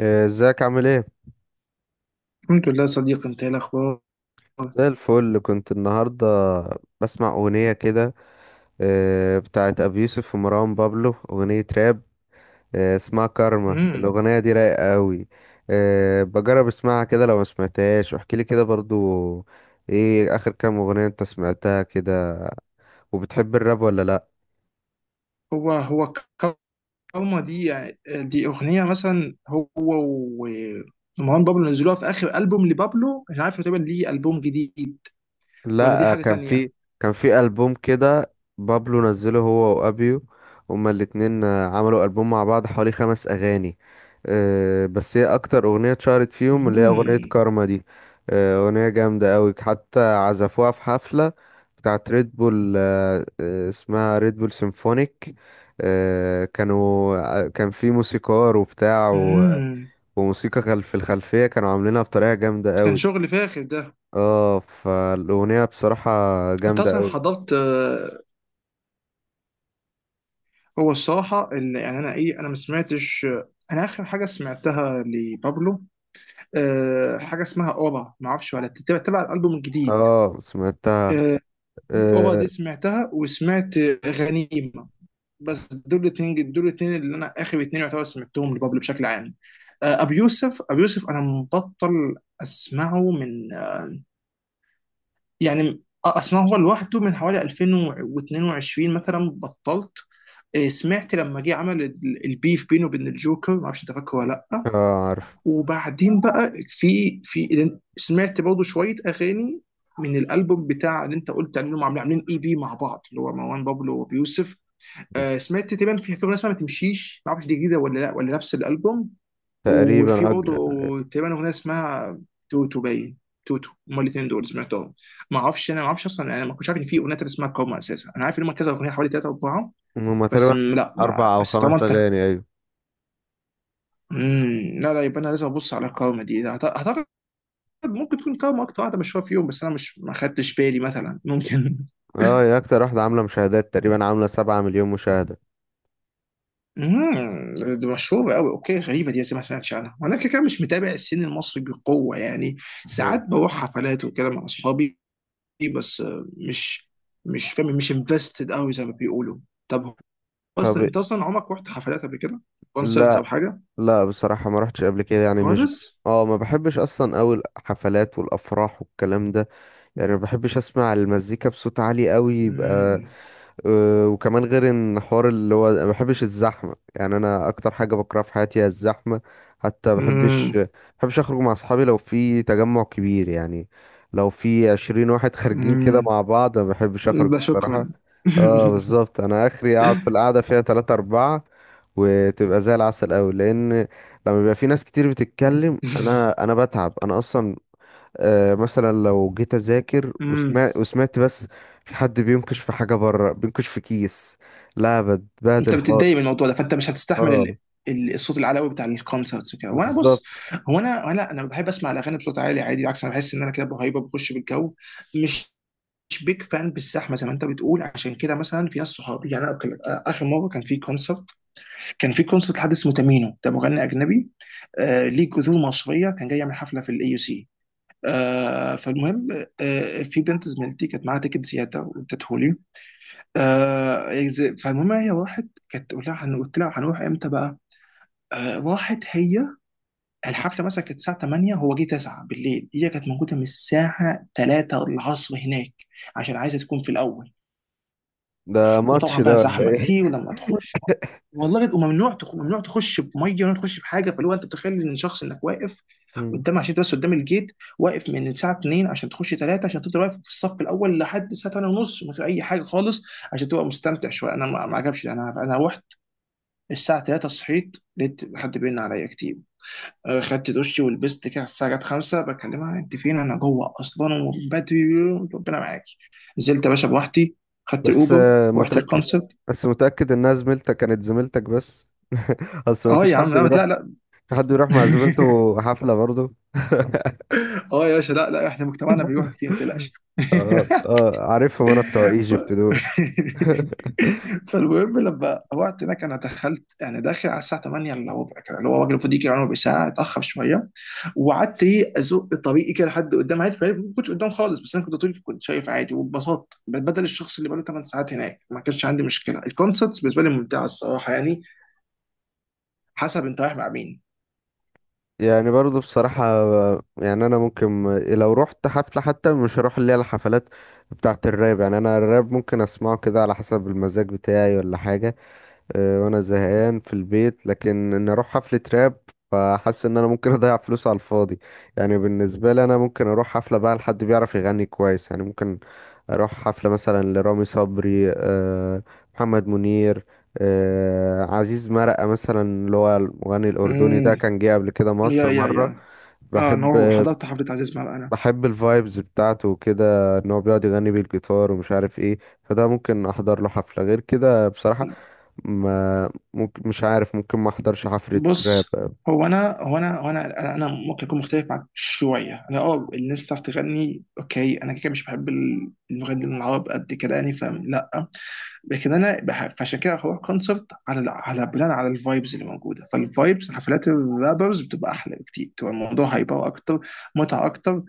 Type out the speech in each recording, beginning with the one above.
إيه، ازيك عامل ايه؟ الحمد لله صديقي، انت ايه الاخبار؟ زي الفل. كنت النهارده بسمع اغنيه كده، إيه، بتاعت ابي يوسف ومروان بابلو، اغنيه راب، إيه، اسمها كارما. امم. الاغنيه دي رايقه قوي. بجرب اسمعها كده، لو ما سمعتهاش واحكي لي كده برضو. ايه اخر كام اغنيه انت سمعتها كده؟ وبتحب الراب ولا لا؟ هو كارما دي. دي اغنيه مثلا ومروان بابلو نزلوها في اخر البوم لبابلو، مش عارف تقريبا ليه، البوم جديد ولا دي لا حاجه كان تانية. في كان في ألبوم كده. بابلو نزله هو وأبيو، هما الاتنين عملوا ألبوم مع بعض، حوالي خمس أغاني. بس هي أكتر أغنية اتشهرت فيهم اللي هي أغنية امم. كارما دي. أغنية جامدة أوي، حتى عزفوها في حفلة بتاعت ريد بول، اسمها ريد بول سيمفونيك. آه، كانوا كان في موسيقار وبتاع امم. وموسيقى في الخلفية، كانوا عاملينها بطريقة جامدة كان أوي. شغل فاخر ده. اه، فالأغنية بصراحة انت جامدة اصلا أوي. حضرت؟ هو الصراحه، اللي يعني انا ايه، انا ما سمعتش. انا اخر حاجه سمعتها لبابلو حاجه اسمها اورا، ما اعرفش ولا تتبع تبع الالبوم الجديد. اه، سمعتها. آه، دي اوبا اه, دي سمعتها، وسمعت غنيمه. بس دول الاثنين، دول الاثنين اللي انا اخر اثنين يعتبر سمعتهم لبابلو بشكل عام. ابو يوسف، ابو يوسف انا مبطل اسمعه من اسمعه هو لوحده من حوالي 2022 مثلا، بطلت. سمعت لما جه عمل البيف بينه وبين الجوكر، ما اعرفش انت فاكره ولا لا. آه، عارف. وبعدين بقى في سمعت برضه شويه اغاني من الالبوم بتاع اللي انت قلت عليهم، عاملين، عاملين اي بي مع بعض اللي هو مروان بابلو وبيوسف. آه سمعت تقريبا في اغنيه اسمها ما تمشيش، ما اعرفش دي جديده ولا لا، ولا نفس الالبوم. وفي تقريبا برضه تقريبا اغنيه اسمها توتو، باين توتو هما الاثنين دول سمعتهم. ما اعرفش، انا ما اعرفش اصلا، انا ما كنتش عارف ان في اغنيه تانية اسمها كوما اساسا. انا عارف ان هما كذا اغنيه، حوالي ثلاثه اربعه. هما بس تقريبا م- لا ما أربع أو بس طالما خمس انت، أغاني. أيوة. لا لا، يبقى انا لازم ابص على كوما دي. اعتقد ممكن تكون قهوة أكتر واحدة مشهورة فيهم، بس أنا مش، ما خدتش بالي مثلا، ممكن. اه، هي أكتر واحدة عاملة مشاهدات، تقريبا عاملة 7 مليون مشاهدة. امم. دي مشهورة قوي؟ أوكي، غريبة، دي زي ما سمعتش عنها. وأنا كده كده مش متابع السين المصري بقوة يعني. مم. ساعات بروح حفلات وكده مع أصحابي، بس مش فاهم، مش انفستد قوي زي ما بيقولوا. طب أصلا، طب أنت أصلا عمرك رحت حفلات قبل كده؟ كونسرتس أو لا. حاجة؟ لا، بصراحة ما رحتش قبل كده، يعني مش. خالص؟ اه، ما بحبش أصلا أوي الحفلات والأفراح والكلام ده. يعني ما بحبش اسمع المزيكا بصوت عالي قوي يبقى. امم. وكمان غير ان حوار اللي هو ما بحبش الزحمه. يعني انا اكتر حاجه بكرهها في حياتي هي الزحمه. حتى ما بحبش امم. ما بحبش اخرج مع اصحابي لو في تجمع كبير، يعني لو في 20 واحد خارجين كده امم. مع بعض ما بحبش اخرج ده شكرا. بصراحه. اه، بالظبط. انا اخري اقعد في القعده فيها تلاتة اربعة، وتبقى زي العسل قوي، لان لما بيبقى في ناس كتير بتتكلم انا بتعب انا اصلا. مثلا لو جيت اذاكر امم. وسمعت وسمعت بس في حد بينكش، في حاجه بره بينكش في كيس، لا انت بتبهدل بتتضايق من خالص. الموضوع ده، فانت مش هتستحمل اه، الصوت العلوي بتاع الكونسرتس وكده. وانا بالظبط. بص، هو انا بحب اسمع الاغاني بصوت عالي عادي، بالعكس، انا بحس ان انا كده بهيبه بخش بالجو. مش مش بيج فان بالزحمه زي ما انت بتقول. عشان كده مثلا في ناس صحابي، يعني أنا اخر مره كان في كونسرت، كان في كونسرت حد اسمه تامينو، ده مغني اجنبي آه ليه جذور مصريه، كان جاي يعمل حفله في الاي يو سي. آه فالمهم، آه في بنت زميلتي كانت معاها تيكت زياده وادته. فالمهم هي راحت، كانت قلت لها قلت لها هنروح امتى بقى؟ آه راحت هي، الحفله مثلا كانت الساعه 8، هو جه 9 بالليل، هي كانت موجوده من الساعه 3 العصر هناك، عشان عايزه تكون في الاول. ده ماتش وطبعا بقى ده ولا زحمه كتير، ايه؟ ولما تخش، والله بيبقى ممنوع ممنوع تخش بميه، ممنوع تخش بحاجه. فاللي هو انت بتخيل ان شخص، انك واقف مم. قدام عشان بس قدام الجيت، واقف من الساعه 2 عشان تخش 3، عشان تفضل واقف في الصف الاول لحد الساعه 8 ونص من غير اي حاجه خالص، عشان تبقى مستمتع شويه. انا ما عجبش، انا رحت الساعه 3. صحيت لقيت حد بيرن عليا كتير. خدت دشي ولبست كده، على الساعه جت 5 بكلمها انت فين، انا جوه اصلا ومن بدري، ربنا معاكي، نزلت يا باشا بوحدي، خدت بس الاوبر، رحت متاكد، الكونسرت. بس متاكد انها زميلتك، كانت زميلتك بس. اصل ما اه فيش يا عم، حد لا بيروح، لا لا. في حد بيروح مع زميلته حفله برضه؟ اه يا باشا، لا لا، احنا مجتمعنا بيروح كتير ما تقلقش. اه، عارفهم انا بتوع ف... ايجيبت دول. فالمهم لما وقت هناك، انا دخلت يعني داخل على الساعه 8 الا ربع كده، اللي هو الراجل المفروض يجي يعني ربع ساعه، اتاخر شويه. وقعدت ايه ازق طريقي كده لحد قدام عادي، فاهم؟ ما كنتش قدام خالص، بس انا كنت طول كنت شايف عادي وببساطه. بدل الشخص اللي بقاله 8 ساعات هناك، ما كانش عندي مشكله. الكونسرتس بالنسبه لي ممتعه الصراحه يعني، حسب انت رايح مع مين. يعني برضه بصراحة، يعني أنا ممكن لو رحت حفلة حتى مش هروح، اللي هي الحفلات بتاعة الراب. يعني أنا الراب ممكن أسمعه كده على حسب المزاج بتاعي ولا حاجة. وأنا زهقان في البيت، لكن إن أروح حفلة راب، فحاسس إن أنا ممكن أضيع فلوس على الفاضي. يعني بالنسبة لي أنا ممكن أروح حفلة بقى لحد بيعرف يغني كويس. يعني ممكن اروح حفلة مثلا لرامي صبري، محمد منير، عزيز مرقة مثلا، اللي هو المغني الأردني ده امم. كان جه قبل كده يا مصر يا مرة. يا، اه ان بحب هو حضرت حفله عزيز مرقه انا. بحب الفايبز بتاعته وكده، ان هو بيقعد يغني بالجيتار ومش عارف ايه. فده ممكن احضر له حفلة، غير كده بصراحة ما ممكن مش عارف، ممكن ما احضرش حفلة راب. بص، هو انا ممكن اكون مختلف معاك شويه. انا اه، الناس بتعرف تغني اوكي، انا كده كده مش بحب المغنيين العرب قد كده يعني، فاهم؟ لا، لكن انا فعشان كده هروح كونسرت على على بناء على الفايبز اللي موجوده. فالفايبز، حفلات الرابرز بتبقى احلى بكتير، بتبقى الموضوع هيبقى اكتر متعه اكتر.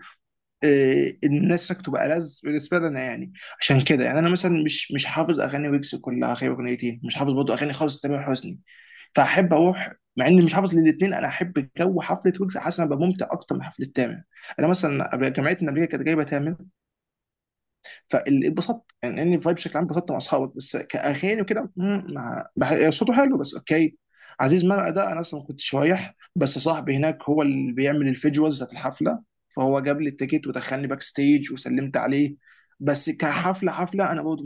إيه، الناس هناك تبقى ألذ بالنسبه لنا يعني. عشان كده يعني انا مثلا مش حافظ اغاني ويجز كلها غير اغنيتين. مش حافظ برضه اغاني خالص تامر حسني، فاحب اروح مع اني مش حافظ للاثنين. انا احب جو حفله ويجز، حاسس إن انا ببقى ممتع اكتر من حفله تامر. انا مثلا جامعتنا قبل كده كانت جايبه تامر، فاتبسطت يعني، اني فايب بشكل عام، اتبسطت مع اصحابك، بس كاغاني وكده صوته حلو بس اوكي. عزيز مرقه ده انا اصلا ما كنتش رايح، بس صاحبي هناك هو اللي بيعمل الفيجوالز بتاعت الحفله، فهو جاب لي التيكت ودخلني باك ستيج وسلمت عليه. بس كحفله حفله انا برضه،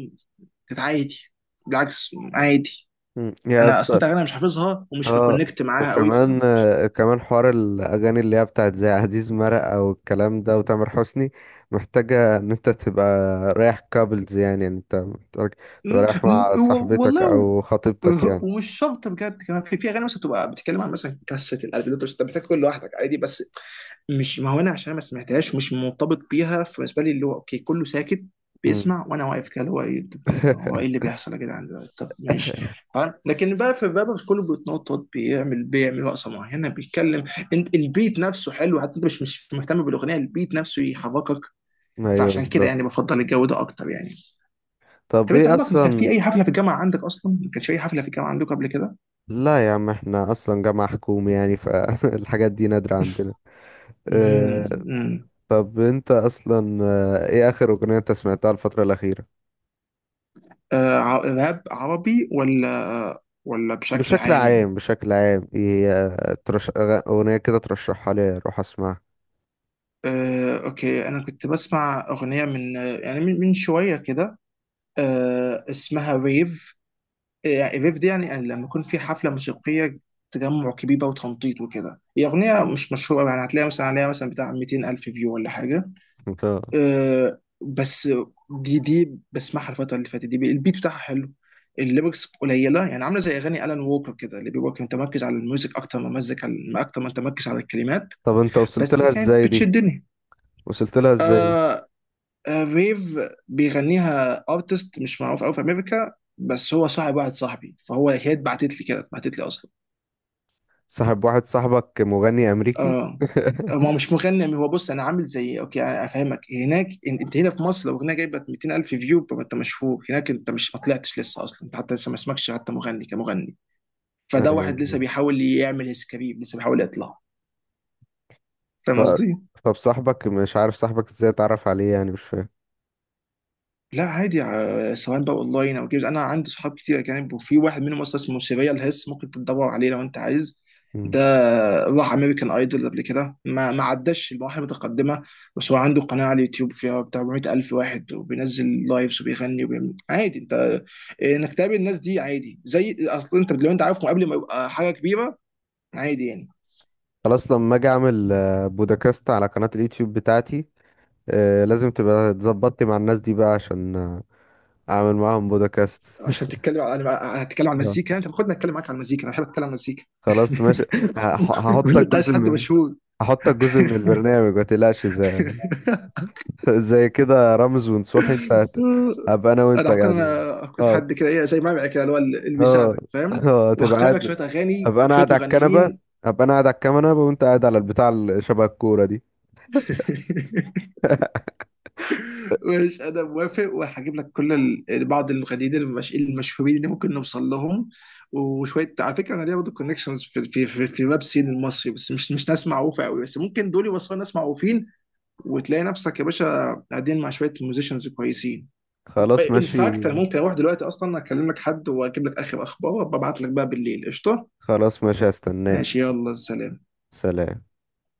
كانت عادي، بالعكس عادي. مم. هي انا اصلا، انت اغاني مش حافظها ومش اه، بكونكت معاها قوي ف وكمان مش- كمان حوار الاغاني اللي هي بتاعت زي عزيز مرق او الكلام ده وتامر حسني، محتاجه ان انت تبقى رايح كابلز، يعني انت محتاج تبقى مم، رايح مع صاحبتك والله او خطيبتك يعني. ومش شرط بجد، كمان في اغاني مثلا بتبقى بتتكلم عن مثلا كسه القلب دول، بس انت محتاج تكون لوحدك عادي. بس مش، ما هو انا عشان ما سمعتهاش مش مرتبط بيها، فبالنسبه لي اللي هو اوكي كله ساكت مم. بيسمع، وانا واقف كده اللي هو ايه، طب هو ايه اللي بيحصل يا جدعان دلوقتي؟ طب ماشي. فاهم، لكن بقى في الراب بس كله بيتنطط، بيعمل رقصه معينه، بيتكلم. انت البيت نفسه حلو، حتى انت مش مهتم بالاغنيه، البيت نفسه يحركك. ايوه، فعشان كده بالظبط. يعني بفضل الجو ده اكتر يعني. طب طب انت ايه عمرك ما كان اصلا؟ في اي حفله في الجامعه عندك؟ اصلا ما كانش في اي حفله في الجامعه عندك قبل كده؟ لا يا عم، احنا اصلا جامعه حكومي، يعني فالحاجات دي نادره عندنا. مهم. آه، مم. طب انت اصلا ايه اخر اغنيه انت سمعتها الفتره الاخيره؟ راب عربي ولا، ولا بشكل عام؟ بشكل عام ايه، هي اغنية كده ترشحها لي اروح اسمعها. اوكي، انا كنت بسمع اغنيه من، من شويه كده، اسمها ريف. يعني ريف دي يعني يعني لما يكون في حفله موسيقيه، تجمع كبير بقى وتنطيط وكده. هي اغنيه مش مشهوره يعني، هتلاقيها مثلا عليها مثلا بتاع 200 الف فيو ولا حاجه. انت آه بس دي بسمعها الفترة اللي فاتت دي، البيت بتاعها حلو. الليركس قليلة يعني، عاملة زي أغاني ألان ووكر كده، اللي بيبقى متمركز على الميوزك أكتر ما مزك على، أكتر ما تمركز على الكلمات. طب انت بس كانت بتشدني. وصلت لها ازاي دي؟ آه، آه ريف بيغنيها ارتست مش معروف أوي في أمريكا، بس هو صاحب واحد صاحبي، فهو، هي اتبعتت لي كده، اتبعتت لي أصلا. صاحب واحد صاحبك مغني امريكي؟ اه، ما هو مش مغني. هو بص، انا عامل زي اوكي، أنا افهمك. هناك انت هنا في مصر لو اغنيه جايبه 200,000 فيو يبقى انت مشهور. هناك انت مش، ما طلعتش لسه اصلا، انت حتى لسه ما اسمكش حتى مغني كمغني. فده واحد لسه أيوة. بيحاول يعمل هيز كارير، لسه بيحاول يطلع. ف... فاهم قصدي؟ طب صاحبك، مش عارف صاحبك ازاي اتعرف عليه يعني، مش فاهم. لا عادي، سواء بقى اونلاين او جيمز، انا عندي صحاب كتير اجانب. وفي واحد منهم اصلا اسمه سيريال هيس، ممكن تدور عليه لو انت عايز. مم. ده راح امريكان ايدول قبل كده، ما عداش المراحل المتقدمه. بس هو عنده قناه على اليوتيوب فيها بتاع 400 الف واحد، وبينزل لايفز وبيغني وبيعمل عادي. انت انك تقابل الناس دي عادي، زي اصل انت لو انت عارفهم قبل ما يبقى حاجه كبيره، عادي يعني. خلاص، لما اجي اعمل بودكاست على قناة اليوتيوب بتاعتي، لازم تبقى اتظبطتي مع الناس دي بقى عشان اعمل معاهم بودكاست. عشان تتكلم على، هتتكلم على آه. المزيكا، انت خدنا اتكلم معاك على المزيكا، انا بحب اتكلم على المزيكا. خلاص ماشي. هح- ولا هحطك انت عايز جزء حد من مشهور؟ هحطك جزء من البرنامج، ما تقلقش، زي زي كده رمز ونصوحي. انت هبقى انا وانت انا هكون، انا قاعدين. هكون اه حد كده ايه زي ما كده، اللي هو اللي اه بيساعدك فاهم. اه، تبقى وهخترع لك قاعد. شويه اغاني هبقى انا وشويه قاعد على الكنبه مغنيين. هبقى انا قاعد على الكنبه، وانت قاعد على البتاع اللي شبه الكوره دي. مش، انا موافق. وهجيب لك كل بعض المغنيين المشهورين اللي ممكن نوصل لهم. وشويه على فكره، انا ليا برضه كونكشنز في ويب سين المصري، بس مش، مش ناس معروفه قوي، بس ممكن دول يوصلوا ناس معروفين. وتلاقي نفسك يا باشا قاعدين مع شويه ميوزيشنز كويسين. خلاص ان ماشي. فاكت، انا ممكن اروح دلوقتي اصلا اكلم لك حد واجيب لك اخر اخبار، وابعت لك بقى بالليل قشطه. خلاص ماشي، هستناك. ماشي، يلا سلام. سلام.